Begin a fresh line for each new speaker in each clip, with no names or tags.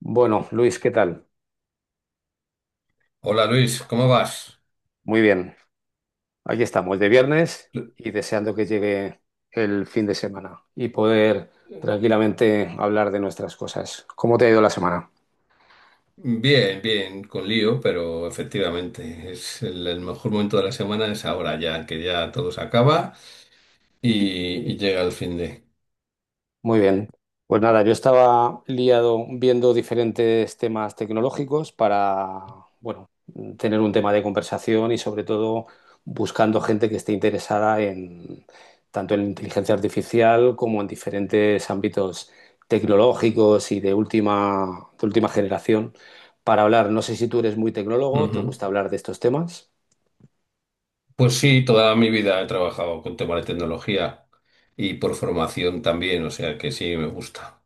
Bueno, Luis, ¿qué tal?
Hola Luis, ¿cómo vas?
Muy bien. Aquí estamos, de viernes
Lu-
y deseando que llegue el fin de semana y poder
eh,
tranquilamente hablar de nuestras cosas. ¿Cómo te ha ido la semana?
Bien, bien, con lío, pero efectivamente es el mejor momento de la semana es ahora ya, que ya todo se acaba y llega el fin de.
Muy bien. Pues nada, yo estaba liado viendo diferentes temas tecnológicos para, bueno, tener un tema de conversación y sobre todo buscando gente que esté interesada en tanto en inteligencia artificial como en diferentes ámbitos tecnológicos y de última generación para hablar. No sé si tú eres muy tecnólogo, ¿te
Ujú.
gusta hablar de estos temas?
Pues sí, toda mi vida he trabajado con temas de tecnología y por formación también, o sea que sí, me gusta.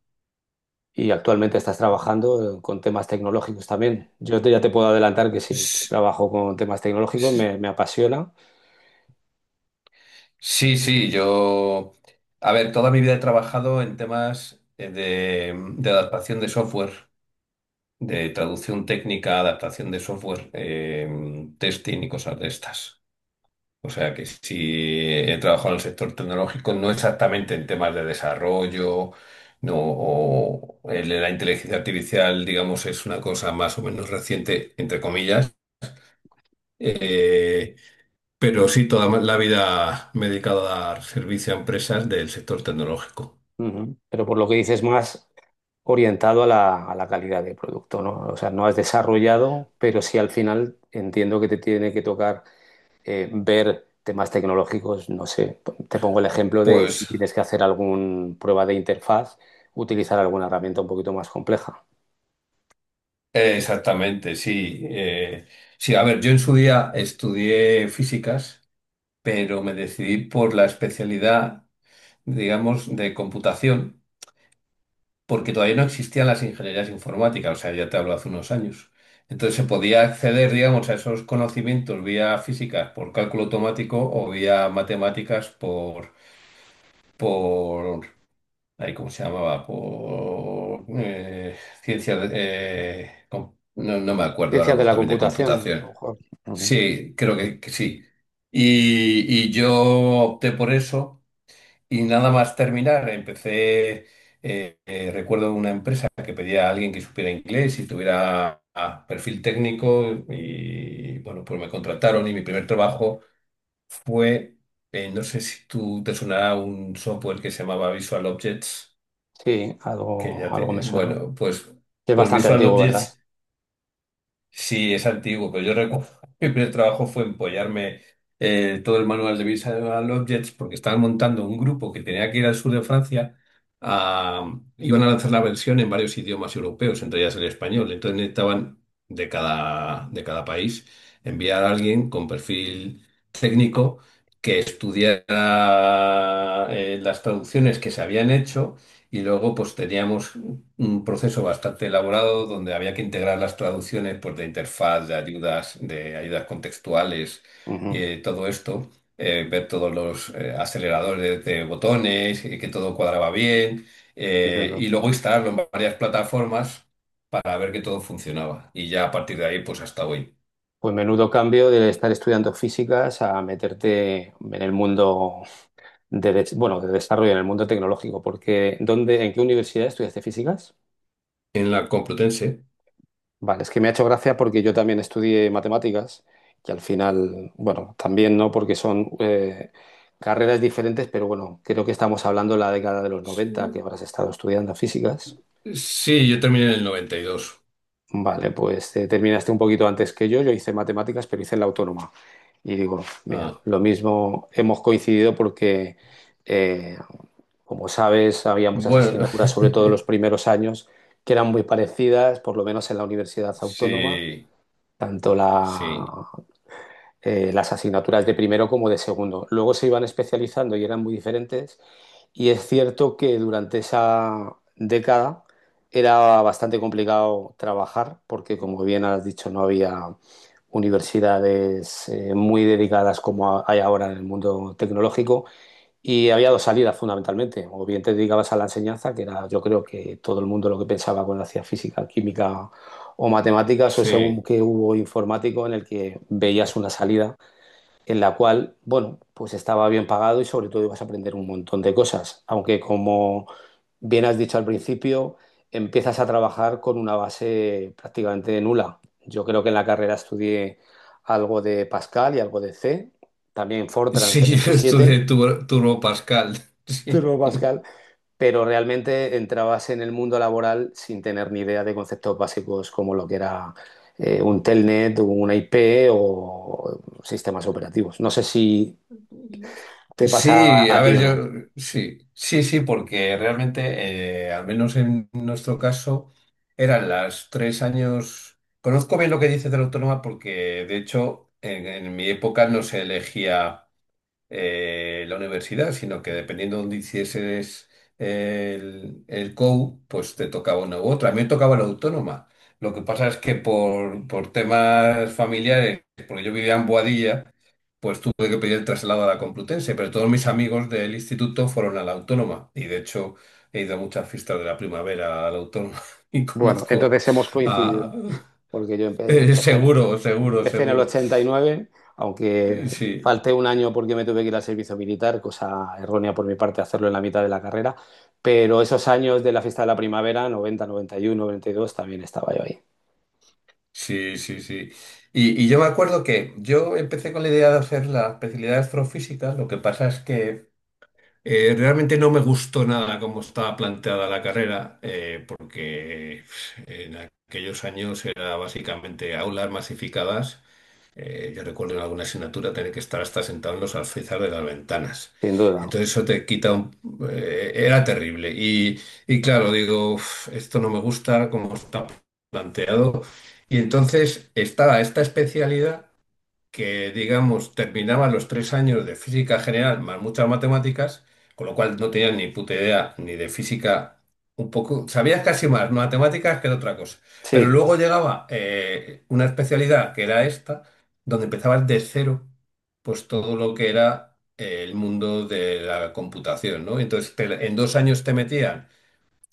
Y actualmente estás trabajando con temas tecnológicos también. Ya te puedo adelantar que sí, que
S-
trabajo con temas tecnológicos,
s-
me apasiona.
Sí, sí, yo... A ver, toda mi vida he trabajado en temas de adaptación de software, de traducción técnica, adaptación de software, testing y cosas de estas. O sea que sí he trabajado en el sector tecnológico, no exactamente en temas de desarrollo, no, o el la inteligencia artificial, digamos, es una cosa más o menos reciente, entre comillas. eh, pero sí, la vida me he dedicado a dar servicio a empresas del sector tecnológico.
Ujú. Pero por lo que dices más orientado a a la calidad del producto, ¿no? O sea, no has desarrollado, pero sí al final entiendo que te tiene que tocar ver temas tecnológicos, no sé, te pongo el ejemplo de si
Pues
tienes que hacer alguna prueba de interfaz, utilizar alguna herramienta un poquito más compleja.
exactamente, sí. Sí, a ver, yo en su día estudié físicas pero me decidí por la especialidad, digamos, de computación, porque todavía no existían las ingenierías informáticas, o sea, ya te hablo hace unos años. Entonces se podía acceder, digamos, a esos conocimientos vía físicas por cálculo automático o vía matemáticas por, ay, ¿cómo se llamaba? Por ciencia, de- no, no me acuerdo,
Ciencias de
algo
la
también de
computación, a lo
computación.
mejor. Ujú.
Sí, creo que sí. Y yo opté por eso. Y nada más terminar, recuerdo una empresa que pedía a alguien que supiera inglés y tuviera perfil técnico y bueno, pues me contrataron y mi primer trabajo fue. No sé si tú te sonará un software que se llamaba Visual Objects,
Sí,
que ya
algo me
te,
suena.
bueno, pues,
Es
pues
bastante
Visual
antiguo, ¿verdad?
Objects. Sí, es antiguo, pero yo recuerdo que mi primer trabajo fue empollarme todo el manual de Visual Objects porque estaban montando un grupo que tenía que ir al sur de Francia. a- Iban a lanzar la versión en varios idiomas europeos, entre ellas el español. Entonces necesitaban de cada país enviar a alguien con perfil técnico que estudiara las traducciones que se habían hecho y luego pues teníamos un proceso bastante elaborado donde había que integrar las traducciones pues, de interfaz, de ayudas contextuales,
Ujú,
todo esto, ver todos los aceleradores de botones, que todo cuadraba bien,
entiendo.
y luego instalarlo en varias plataformas para ver que todo funcionaba. Y ya a partir de ahí, pues hasta hoy.
Pues menudo cambio de estar estudiando físicas a meterte en el mundo bueno, de desarrollo, en el mundo tecnológico, porque ¿dónde, en qué universidad estudiaste físicas?
En la Complutense.
Vale, es que me ha hecho gracia porque yo también estudié matemáticas, que al final, bueno, también no, porque son carreras diferentes, pero bueno, creo que estamos hablando de la década de los 90 que
Sí,
habrás estado estudiando físicas.
sí, yo terminé en el 92.
Vale, pues terminaste un poquito antes que yo. Yo hice matemáticas, pero hice la autónoma. Y digo, mira,
Ah,
lo mismo hemos coincidido porque, eh, como sabes, había muchas
bueno,
asignaturas, sobre todo en los primeros años, que eran muy parecidas, por lo menos en la universidad autónoma,
sí,
tanto
sí,
la las asignaturas de primero como de segundo. Luego se iban especializando y eran muy diferentes. Y es cierto que durante esa década era bastante complicado trabajar porque, como bien has dicho, no había universidades muy dedicadas como hay ahora en el mundo tecnológico y había dos salidas fundamentalmente. O bien te dedicabas a la enseñanza, que era yo creo que todo el mundo lo que pensaba cuando hacía física, química o matemáticas, o ese boom
sí.
que hubo informático en el que veías una salida en la cual, bueno, pues estaba bien pagado y sobre todo ibas a aprender un montón de cosas, aunque como bien has dicho al principio, empiezas a trabajar con una base prácticamente nula. Yo creo que en la carrera estudié algo de Pascal y algo de C, también Fortran
Sí, yo
77,
estudié Turbo Pascal. Sí.
Turbo Pascal, pero realmente entrabas en el mundo laboral sin tener ni idea de conceptos básicos como lo que era un telnet, una IP o sistemas operativos. No sé si ¿te pasa
Sí,
a
a
ti
ver,
o no?
yo sí, sí, sí, porque realmente, al menos en nuestro caso, eran las tres años. Conozco bien lo que dices de la autónoma porque, de hecho, en mi época no se elegía la universidad, sino que dependiendo de dónde hicieses el COU, pues te tocaba una u otra. A mí me tocaba la autónoma. Lo que pasa es que por temas familiares, porque yo vivía en Boadilla, pues tuve que pedir el traslado a la Complutense, pero todos mis amigos del instituto fueron a la autónoma y de hecho he ido a muchas fiestas de la primavera a la autónoma y
Bueno,
conozco
entonces hemos
a...
coincidido, porque yo, empecé,
seguro, seguro,
empecé en el
seguro.
89, aunque
Sí,
falté un año porque me tuve que ir al servicio militar, cosa errónea por mi parte hacerlo en la mitad de la carrera, pero esos años de la fiesta de la primavera, 90, 91, 92, también estaba yo ahí,
sí, sí, sí. Y yo me acuerdo que yo empecé con la idea de hacer la especialidad de astrofísica, lo que pasa es que realmente no me gustó nada cómo estaba planteada la carrera, porque pf, en aquellos años era básicamente aulas masificadas. Yo recuerdo en alguna asignatura tener que estar hasta sentado en los alféizares de las ventanas.
sin duda.
Entonces eso te quita un... era terrible. Y claro, digo, "Uf, esto no me gusta como está planteado. Y entonces estaba esta especialidad que, digamos, terminaba los tres años de física general más muchas matemáticas, con lo cual no tenía ni puta idea ni de física, un poco, sabías casi más matemáticas que de otra cosa. Pero
Sí,
luego llegaba una especialidad que era esta, donde empezabas de cero, pues todo lo que era el mundo de la computación, ¿no? Entonces, en dos años te metían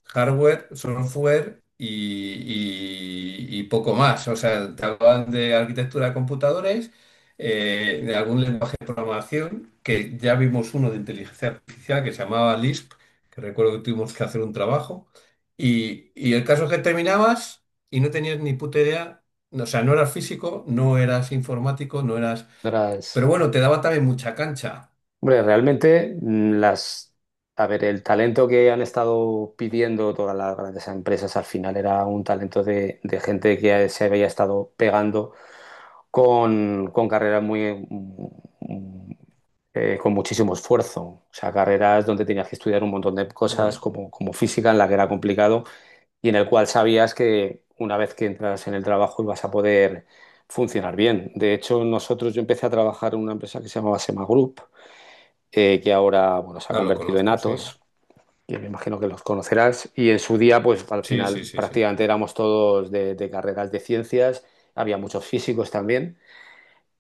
hardware, software y poco más. O sea, te hablaban de arquitectura de computadores, de algún lenguaje de programación, que ya vimos uno de inteligencia artificial que se llamaba Lisp, que recuerdo que tuvimos que hacer un trabajo. Y el caso es que terminabas y no tenías ni puta idea, o sea, no eras físico, no eras informático, no eras... Pero
gracias.
bueno, te daba también mucha cancha.
Hombre, realmente a ver, el talento que han estado pidiendo todas las grandes empresas al final era un talento de gente que se había estado pegando con carreras con muchísimo esfuerzo. O sea, carreras donde tenías que estudiar un montón de cosas
Mm.
como, como física, en la que era complicado y en el cual sabías que una vez que entras en el trabajo ibas a poder funcionar bien. De hecho, nosotros, yo empecé a trabajar en una empresa que se llamaba Sema Group que ahora, bueno, se ha
Ah, lo
convertido en
conozco, sí.
Atos, que me imagino que los conocerás, y en su día, pues al
Sí, sí,
final
sí, sí.
prácticamente éramos todos de carreras de ciencias, había muchos físicos también,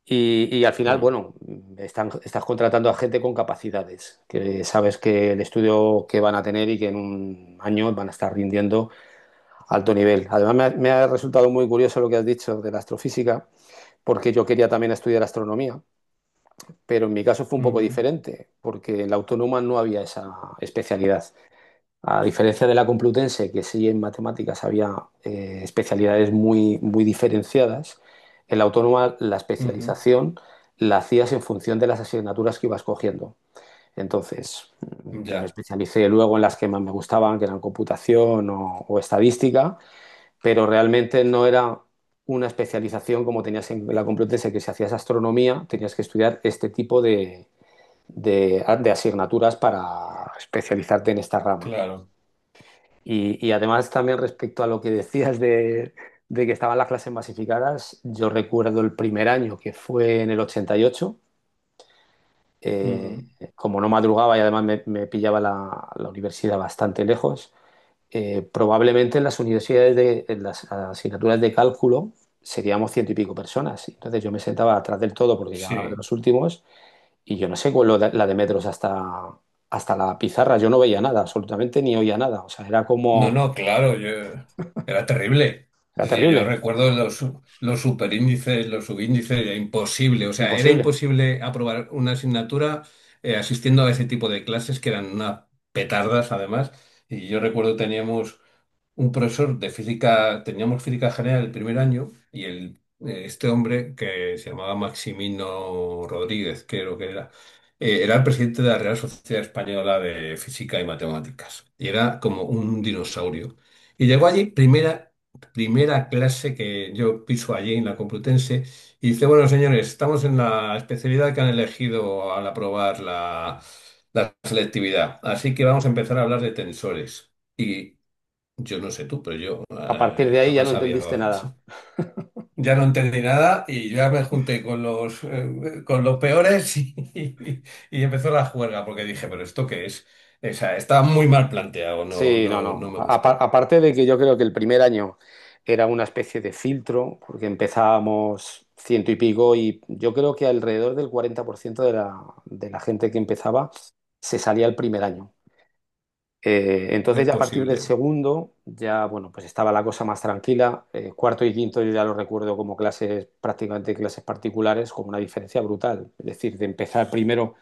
y al final,
Mm.
bueno, estás contratando a gente con capacidades, que sabes que el estudio que van a tener y que en un año van a estar rindiendo alto nivel. Además, me ha resultado muy curioso lo que has dicho de la astrofísica, porque yo quería también estudiar astronomía pero en mi caso fue un poco
Ujú,
diferente, porque en la autónoma no había esa especialidad. A diferencia de la Complutense, que sí en matemáticas había especialidades muy diferenciadas, en la autónoma la
ujú.
especialización la hacías en función de las asignaturas que ibas cogiendo. Entonces, yo me
Ya,
especialicé luego en las que más me gustaban, que eran computación o estadística, pero realmente no era una especialización como tenías en la Complutense, que si hacías astronomía tenías que estudiar este tipo de asignaturas para especializarte en esta rama.
claro.
Y además también respecto a lo que decías de que estaban las clases masificadas, yo recuerdo el primer año que fue en el 88, eh,
Ujú.
como no madrugaba y además me pillaba la universidad bastante lejos, probablemente en las universidades, en las asignaturas de cálculo, seríamos ciento y pico personas. Entonces yo me sentaba atrás del todo porque ya era de
Sí.
los últimos y yo no sé cuál era la de metros hasta la pizarra. Yo no veía nada, absolutamente ni oía nada. O sea, era
No,
como,
no, claro, yo era terrible.
era
Es decir, yo
terrible,
recuerdo los superíndices, los subíndices, era imposible. O sea, era
imposible.
imposible aprobar una asignatura asistiendo a ese tipo de clases que eran unas petardas, además. Y yo recuerdo teníamos un profesor de física, teníamos física general el primer año y el, este hombre que se llamaba Maximino Rodríguez, creo que era, era el presidente de la Real Sociedad Española de Física y Matemáticas y era como un dinosaurio. Y llegó allí, primera clase que yo piso allí en la Complutense, y dice, bueno, señores, estamos en la especialidad que han elegido al aprobar la... la selectividad. Así que vamos a empezar a hablar de tensores. Y yo no sé tú, pero yo
A partir de ahí ya no
jamás había...
entendiste nada.
Ya no entendí nada y yo ya me junté con los peores y, y empezó la juerga porque dije, pero ¿esto qué es? O sea, estaba muy mal planteado, no,
Sí, no,
no, no
no.
me gustó.
Aparte de que yo creo que el primer año era una especie de filtro, porque empezábamos ciento y pico y yo creo que alrededor del 40% de de la gente que empezaba se salía el primer año. Entonces
Es
ya a partir del
posible.
segundo, ya bueno, pues estaba la cosa más tranquila. Cuarto y quinto yo ya lo recuerdo como clases, prácticamente clases particulares, con una diferencia brutal. Es decir, de empezar primero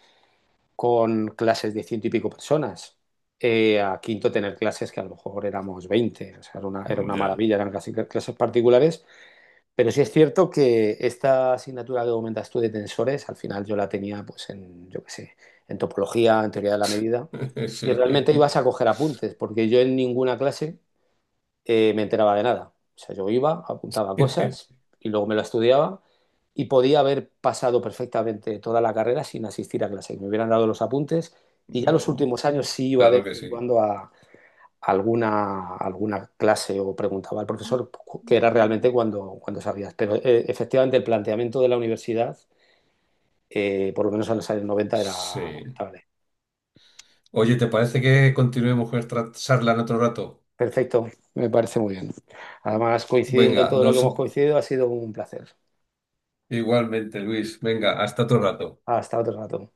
con clases de ciento y pico personas, a quinto tener clases que a lo mejor éramos 20. O sea, era una
Ya.
maravilla, eran casi clases particulares, pero sí es cierto que esta asignatura que comentas tú de tensores, al final yo la tenía pues en, yo qué sé, en topología, en teoría de la medida, y
Sí.
realmente ibas a coger apuntes, porque yo en ninguna clase me enteraba de nada. O sea, yo iba, apuntaba cosas y luego me lo estudiaba y podía haber pasado perfectamente toda la carrera sin asistir a clase, que me hubieran dado los apuntes y ya los últimos años sí iba de
Claro
vez
que
en
sí.
cuando a, alguna clase o preguntaba al profesor qué era realmente cuando, cuando sabías. Pero efectivamente el planteamiento de la universidad, por lo menos en los años 90, era
Sí.
lamentable.
Oye, ¿te parece que continuemos con esta charla en otro rato?
Perfecto, me parece muy bien. Además, coincidiendo en
Venga,
todo lo que
nos...
hemos coincidido, ha sido un placer.
igualmente, Luis. Venga, hasta otro rato.
Hasta otro rato.